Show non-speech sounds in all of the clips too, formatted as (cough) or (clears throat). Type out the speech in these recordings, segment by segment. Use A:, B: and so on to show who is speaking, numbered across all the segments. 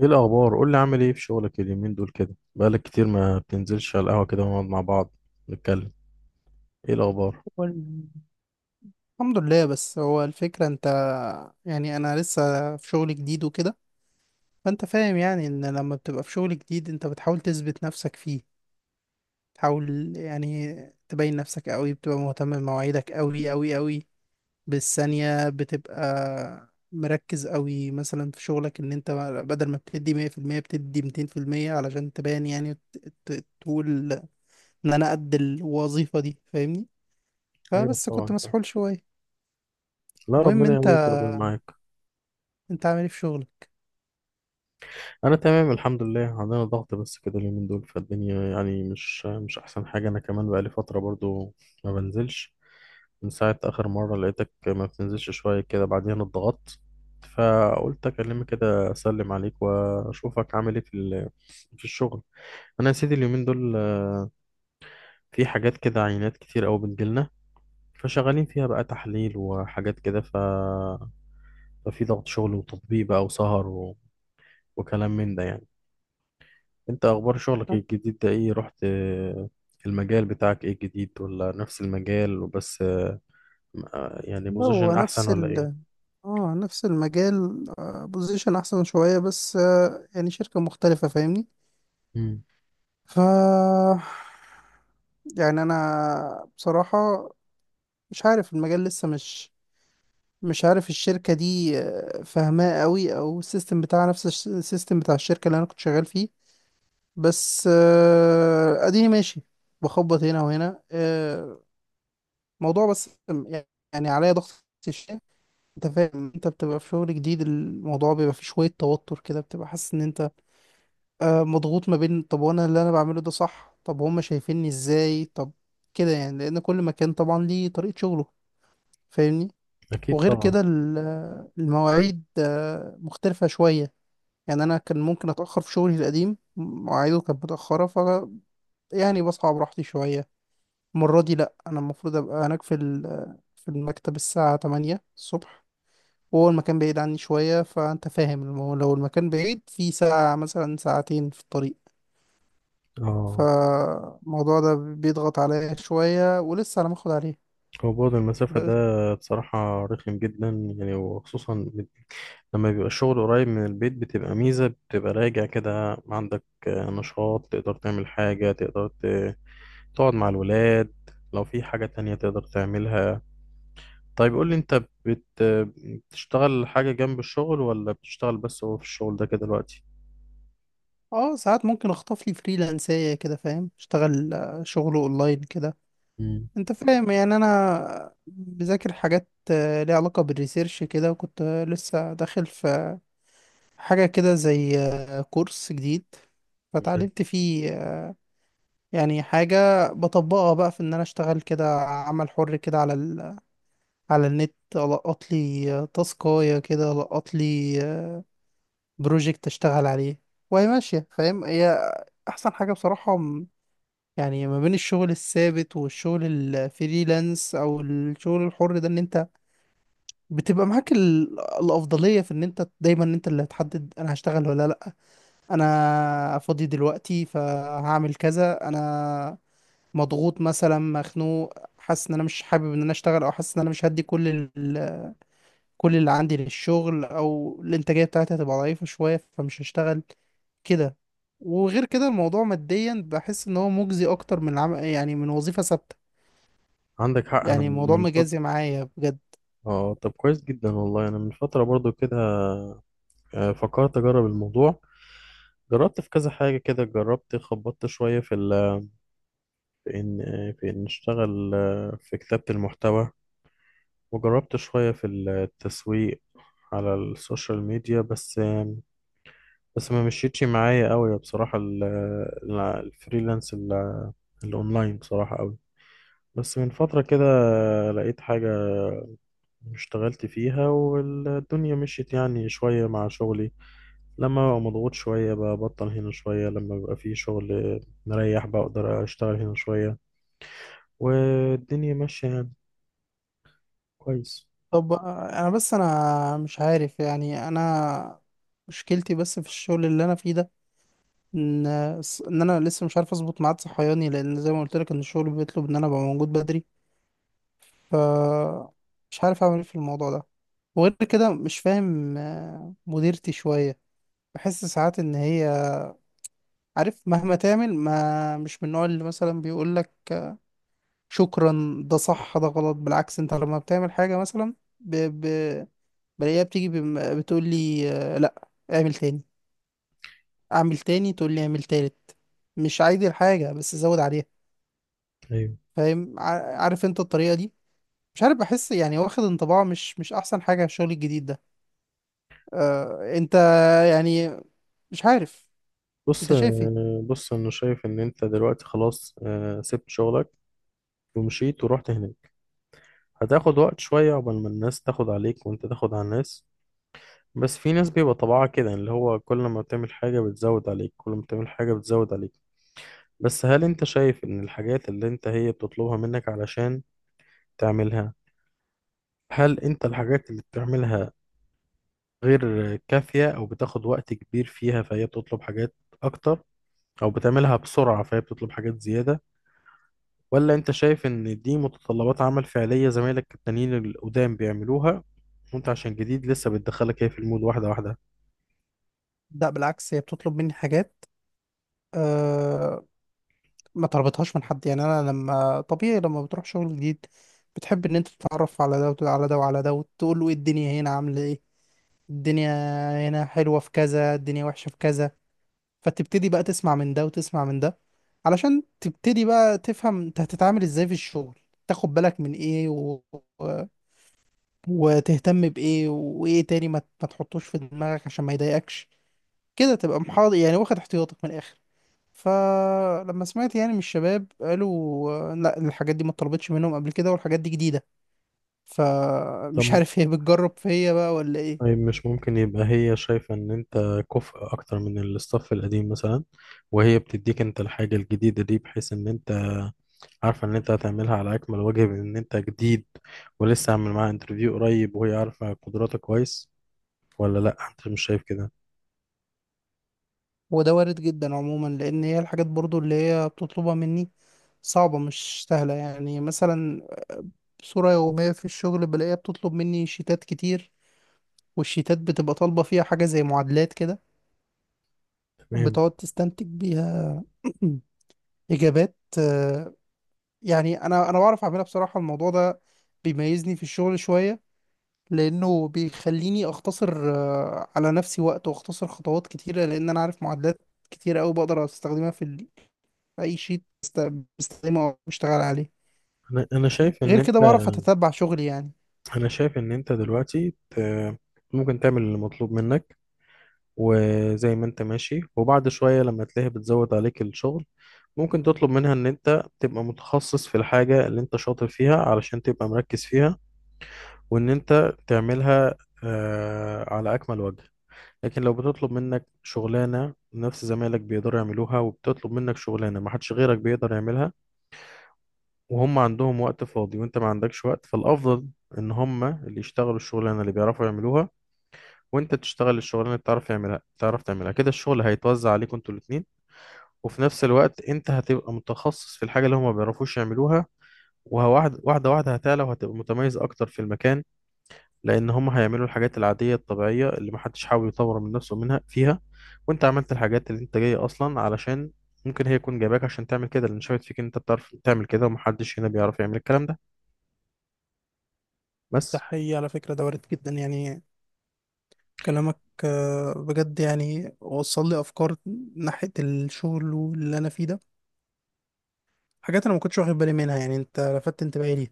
A: ايه الاخبار؟ قول لي، عامل ايه في شغلك اليومين دول؟ كده بقالك كتير ما بتنزلش على القهوه كده ونقعد مع بعض نتكلم. ايه الاخبار؟
B: وال- الحمد لله. بس هو الفكرة انت، يعني انا لسه في شغل جديد وكده. فانت فاهم يعني ان لما بتبقى في شغل جديد انت بتحاول تثبت نفسك فيه، تحاول يعني تبين نفسك قوي، بتبقى مهتم بمواعيدك قوي قوي قوي بالثانية، بتبقى مركز قوي مثلا في شغلك، ان انت بدل ما بتدي 100% بتدي 200% علشان تبان يعني تقول ان انا قد الوظيفة دي، فاهمني؟
A: ايوه
B: فبس كنت
A: طبعا فاهم.
B: مسحول شوية.
A: لا،
B: المهم
A: ربنا
B: انت
A: يقويك، ربنا معاك.
B: انت عامل ايه في شغلك؟
A: انا تمام الحمد لله، عندنا ضغط بس كده اليومين دول فالدنيا، يعني مش احسن حاجه. انا كمان بقالي فتره برضو ما بنزلش، من ساعه اخر مره لقيتك ما بتنزلش شويه كده، بعدين اتضغطت، فقلت اكلمك كده اسلم عليك واشوفك عامل ايه في في الشغل. انا يا سيدي اليومين دول في حاجات كده، عينات كتير قوي بتجيلنا، فشغالين فيها بقى تحليل وحاجات كده. ففي ضغط شغل وتطبيق بقى وسهر، وكلام من ده يعني. انت اخبار شغلك إيه؟ الجديد ده ايه؟ رحت، المجال بتاعك ايه الجديد ولا نفس المجال وبس؟ يعني
B: لا، هو
A: بوزيشن احسن
B: نفس
A: ولا
B: ال،
A: ايه؟
B: اه نفس المجال، بوزيشن احسن شوية بس. يعني شركة مختلفة، فاهمني؟
A: مم.
B: ف يعني انا بصراحة مش عارف المجال لسه، مش عارف الشركة دي فاهماه قوي، او السيستم بتاعها نفس السيستم بتاع الشركة اللي انا كنت شغال فيه. بس اديني ماشي، بخبط هنا وهنا. موضوع بس يعني عليا ضغط. انت فاهم، انت بتبقى في شغل جديد، الموضوع بيبقى فيه شوية توتر كده، بتبقى حاسس ان انت مضغوط ما بين: طب وانا اللي انا بعمله ده صح؟ طب هما شايفيني ازاي؟ طب كده يعني، لان كل مكان طبعا ليه طريقة شغله، فاهمني؟
A: اكيد
B: وغير
A: طبعا.
B: كده المواعيد مختلفة شوية. يعني انا كان ممكن اتأخر في شغلي القديم، مواعيده كانت متأخرة، ف يعني بصحى براحتي شوية. المرة دي لأ، انا المفروض ابقى هناك في في المكتب الساعة 8 الصبح، وهو المكان بعيد عني شوية. فأنت فاهم لو المكان بعيد في ساعة مثلا ساعتين في الطريق،
A: اه،
B: فالموضوع ده بيضغط عليا شوية، ولسه على ما اخد عليه
A: هو بعد المسافة
B: بس.
A: ده بصراحة رخم جدا، يعني وخصوصا لما بيبقى الشغل قريب من البيت بتبقى ميزة، بتبقى راجع كده عندك نشاط، تقدر تعمل حاجة، تقدر تقعد مع الولاد، لو في حاجة تانية تقدر تعملها. طيب قول لي، انت بتشتغل حاجة جنب الشغل، ولا بتشتغل بس هو في الشغل ده كده دلوقتي؟
B: اه، ساعات ممكن اخطف لي فريلانسية كده، فاهم؟ اشتغل شغل اونلاين كده.
A: مم.
B: انت فاهم، يعني انا بذاكر حاجات ليها علاقة بالريسيرش كده، وكنت لسه داخل في حاجة كده زي كورس جديد،
A: أيوة.
B: فتعلمت فيه يعني حاجة بطبقها بقى، في ان انا اشتغل كده عمل حر كده على ال، على النت. القط لي تاسكاية كده، القط لي بروجكت اشتغل عليه وهي ماشية، فاهم؟ هي احسن حاجة بصراحة. يعني ما بين الشغل الثابت والشغل الفريلانس او الشغل الحر ده، ان انت بتبقى معاك ال، الافضلية في ان انت دايما انت اللي هتحدد: انا هشتغل ولا لا. انا فاضي دلوقتي فهعمل كذا، انا مضغوط مثلا مخنوق، حاسس ان انا مش حابب ان انا اشتغل، او حاسس ان انا مش هدي كل ال، كل اللي عندي للشغل، او الانتاجيه بتاعتي هتبقى ضعيفه شويه فمش هشتغل كده. وغير كده الموضوع ماديا بحس ان هو مجزي اكتر من يعني من وظيفه ثابته.
A: عندك حق. انا
B: يعني الموضوع
A: من فترة،
B: مجازي معايا بجد.
A: اه، طب كويس جدا والله. انا من فترة برضو كده فكرت اجرب الموضوع، جربت في كذا حاجة كده، جربت خبطت شوية في في إن في إن نشتغل في كتابة المحتوى، وجربت شوية في التسويق على السوشيال ميديا. بس ما مشيتش معايا قوي بصراحة الفريلانس الأونلاين بصراحة قوي. بس من فترة كده لقيت حاجة اشتغلت فيها والدنيا مشيت يعني شوية مع شغلي، لما ببقى مضغوط شوية ببطل هنا شوية، لما بيبقى في شغل مريح بقدر أشتغل هنا شوية، والدنيا ماشية يعني كويس.
B: طب انا بس انا مش عارف يعني. انا مشكلتي بس في الشغل اللي انا فيه ده، ان ان انا لسه مش عارف اظبط ميعاد صحياني، لان زي ما قلت لك ان الشغل بيطلب ان انا ابقى موجود بدري، ف مش عارف اعمل ايه في الموضوع ده. وغير كده مش فاهم مديرتي شويه. بحس ساعات ان هي، عارف؟ مهما تعمل، ما مش من النوع اللي مثلا بيقول لك شكرا، ده صح، ده غلط. بالعكس، انت لما بتعمل حاجه مثلا ب... ب... بلاقيها بتيجي بتقول لي، لا اعمل تاني، اعمل تاني، تقول لي اعمل تالت. مش عادي الحاجه بس زود عليها،
A: ايوه.
B: فاهم؟ عارف انت الطريقة دي؟ مش عارف، بحس يعني واخد انطباع مش احسن حاجة على الشغل الجديد ده. آه انت يعني، مش عارف،
A: بص
B: انت شايف ايه؟
A: آه، بص انا شايف ان انت دلوقتي خلاص سبت شغلك ومشيت ورحت هناك. هتاخد وقت شوية عقبال ما الناس تاخد عليك وانت تاخد على الناس، بس في ناس بيبقى طبعها كده، يعني اللي هو كل ما بتعمل حاجة بتزود عليك، كل ما بتعمل حاجة بتزود عليك. بس هل انت شايف ان الحاجات اللي انت هي بتطلبها منك علشان تعملها، هل انت الحاجات اللي بتعملها غير كافية او بتاخد وقت كبير فيها فهي بتطلب حاجات اكتر، او بتعملها بسرعة فهي بتطلب حاجات زيادة؟ ولا انت شايف ان دي متطلبات عمل فعلية، زمايلك التانيين القدام بيعملوها وانت عشان جديد لسه بتدخلك هي في المود واحدة واحدة؟
B: لا بالعكس، هي بتطلب مني حاجات آه ما طلبتهاش من حد. يعني انا، لما طبيعي لما بتروح شغل جديد، بتحب ان انت تتعرف على ده وتقول على ده وعلى ده، وتقول له ايه الدنيا هنا عاملة ايه، الدنيا هنا حلوة في كذا، الدنيا وحشة في كذا. فتبتدي بقى تسمع من ده وتسمع من ده، علشان تبتدي بقى تفهم انت هتتعامل ازاي في الشغل، تاخد بالك من ايه و- وتهتم بايه، وايه تاني ما تحطوش في دماغك عشان ما يضايقكش كده، تبقى محاضر يعني، واخد احتياطك من الاخر. فلما سمعت يعني من الشباب، قالوا لا، الحاجات دي ما اتطلبتش منهم قبل كده، والحاجات دي جديدة. فمش
A: طب،
B: عارف هي بتجرب فيا بقى ولا ايه.
A: طيب مش ممكن يبقى هي شايفة ان انت كفء اكتر من الاستاف القديم مثلا، وهي بتديك انت الحاجة الجديدة دي بحيث ان انت عارفة ان انت هتعملها على اكمل وجه، بان انت جديد ولسه عامل معاها انترفيو قريب وهي عارفة قدراتك كويس؟ ولا لا، انت مش شايف كده؟
B: وده وارد جدا عموما، لان هي الحاجات برضو اللي هي بتطلبها مني صعبة، مش سهلة. يعني مثلا صورة يومية في الشغل، بلاقيها بتطلب مني شيتات كتير، والشيتات بتبقى طالبة فيها حاجة زي معادلات كده،
A: تمام.
B: بتقعد تستنتج بيها (clears throat) إجابات. يعني أنا بعرف أعملها بصراحة. الموضوع ده بيميزني في الشغل شوية، لأنه بيخليني أختصر على نفسي وقت، وأختصر خطوات كتيرة، لأن أنا عارف معادلات كتير أوي بقدر أستخدمها في في أي شيت بستخدمه أو بشتغل عليه.
A: انا شايف ان
B: غير كده
A: انت،
B: بعرف أتتبع شغلي يعني.
A: انا شايف ان انت دلوقتي ت- ممكن تعمل اللي مطلوب منك وزي ما انت ماشي، وبعد شوية لما تلاقيها بتزود عليك الشغل ممكن تطلب منها ان انت تبقى متخصص في الحاجة اللي انت شاطر فيها علشان تبقى مركز فيها، وان انت تعملها على اكمل وجه. لكن لو بتطلب منك شغلانة نفس زمايلك بيقدروا يعملوها، وبتطلب منك شغلانة ما حدش غيرك بيقدر يعملها، وهم عندهم وقت فاضي وانت ما عندكش وقت، فالافضل ان هم اللي يشتغلوا الشغلانة اللي بيعرفوا يعملوها، وانت تشتغل الشغلانه اللي بتعرف تعملها تعرف تعملها، كده الشغل هيتوزع عليكم انتوا الاثنين، وفي نفس الوقت انت هتبقى متخصص في الحاجه اللي هما ما بيعرفوش يعملوها، وواحده واحده واحده هتعلى وهتبقى متميز اكتر في المكان، لان هما هيعملوا الحاجات العاديه الطبيعيه اللي محدش حاول يطور من نفسه منها فيها، وانت عملت الحاجات اللي انت جاي اصلا علشان، ممكن هي يكون جايباك عشان تعمل كده، لان شافت فيك ان انت بتعرف تعمل كده ومحدش هنا بيعرف يعمل الكلام ده
B: ده
A: بس.
B: حقيقي على فكرة، ده وارد جدا يعني كلامك. بجد يعني وصل لي أفكار ناحية الشغل واللي أنا فيه ده، حاجات أنا ما كنتش واخد بالي منها. يعني أنت لفتت انتباهي ليها.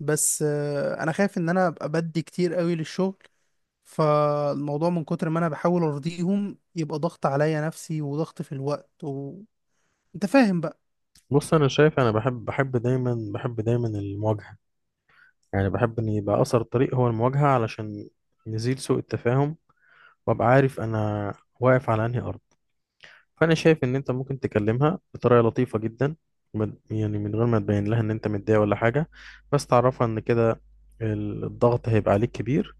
B: بس أنا خايف إن أنا أبقى بدي كتير قوي للشغل، فالموضوع من كتر ما أنا بحاول أرضيهم، يبقى ضغط عليا نفسي وضغط في الوقت، وأنت فاهم بقى.
A: بص انا شايف، انا بحب دايما المواجهه، يعني بحب ان يبقى اثر الطريق هو المواجهه علشان نزيل سوء التفاهم، وابقى عارف انا واقف على انهي ارض. فانا شايف ان انت ممكن تكلمها بطريقه لطيفه جدا، يعني من غير ما تبين لها ان انت متضايق ولا حاجه، بس تعرفها ان كده الضغط هيبقى عليك كبير،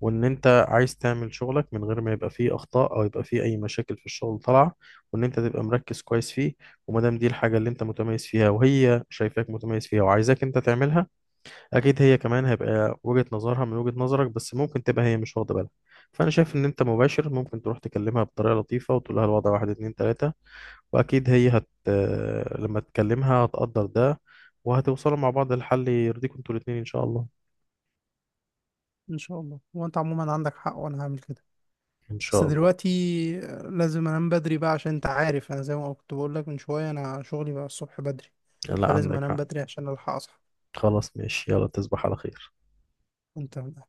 A: وان انت عايز تعمل شغلك من غير ما يبقى فيه اخطاء او يبقى فيه اي مشاكل في الشغل طالعه، وان انت تبقى مركز كويس فيه. وما دام دي الحاجه اللي انت متميز فيها وهي شايفاك متميز فيها وعايزاك انت تعملها، اكيد هي كمان هيبقى وجهة نظرها من وجهة نظرك، بس ممكن تبقى هي مش واخده بالها. فانا شايف ان انت مباشر ممكن تروح تكلمها بطريقه لطيفه وتقول لها الوضع واحد اتنين تلاته، واكيد هي لما تكلمها هتقدر ده، وهتوصلوا مع بعض لحل يرضيكم انتوا الاتنين ان شاء الله.
B: إن شاء الله. وأنت عموما عندك حق، وأنا هعمل كده.
A: ان
B: بس
A: شاء الله.
B: دلوقتي لازم انام بدري بقى، عشان انت عارف، انا زي ما كنت بقول لك من شويه، انا شغلي بقى الصبح بدري،
A: لا
B: فلازم
A: عندك
B: انام
A: حق.
B: بدري عشان الحق اصحى.
A: خلاص ماشي، يلا تصبح على خير.
B: انت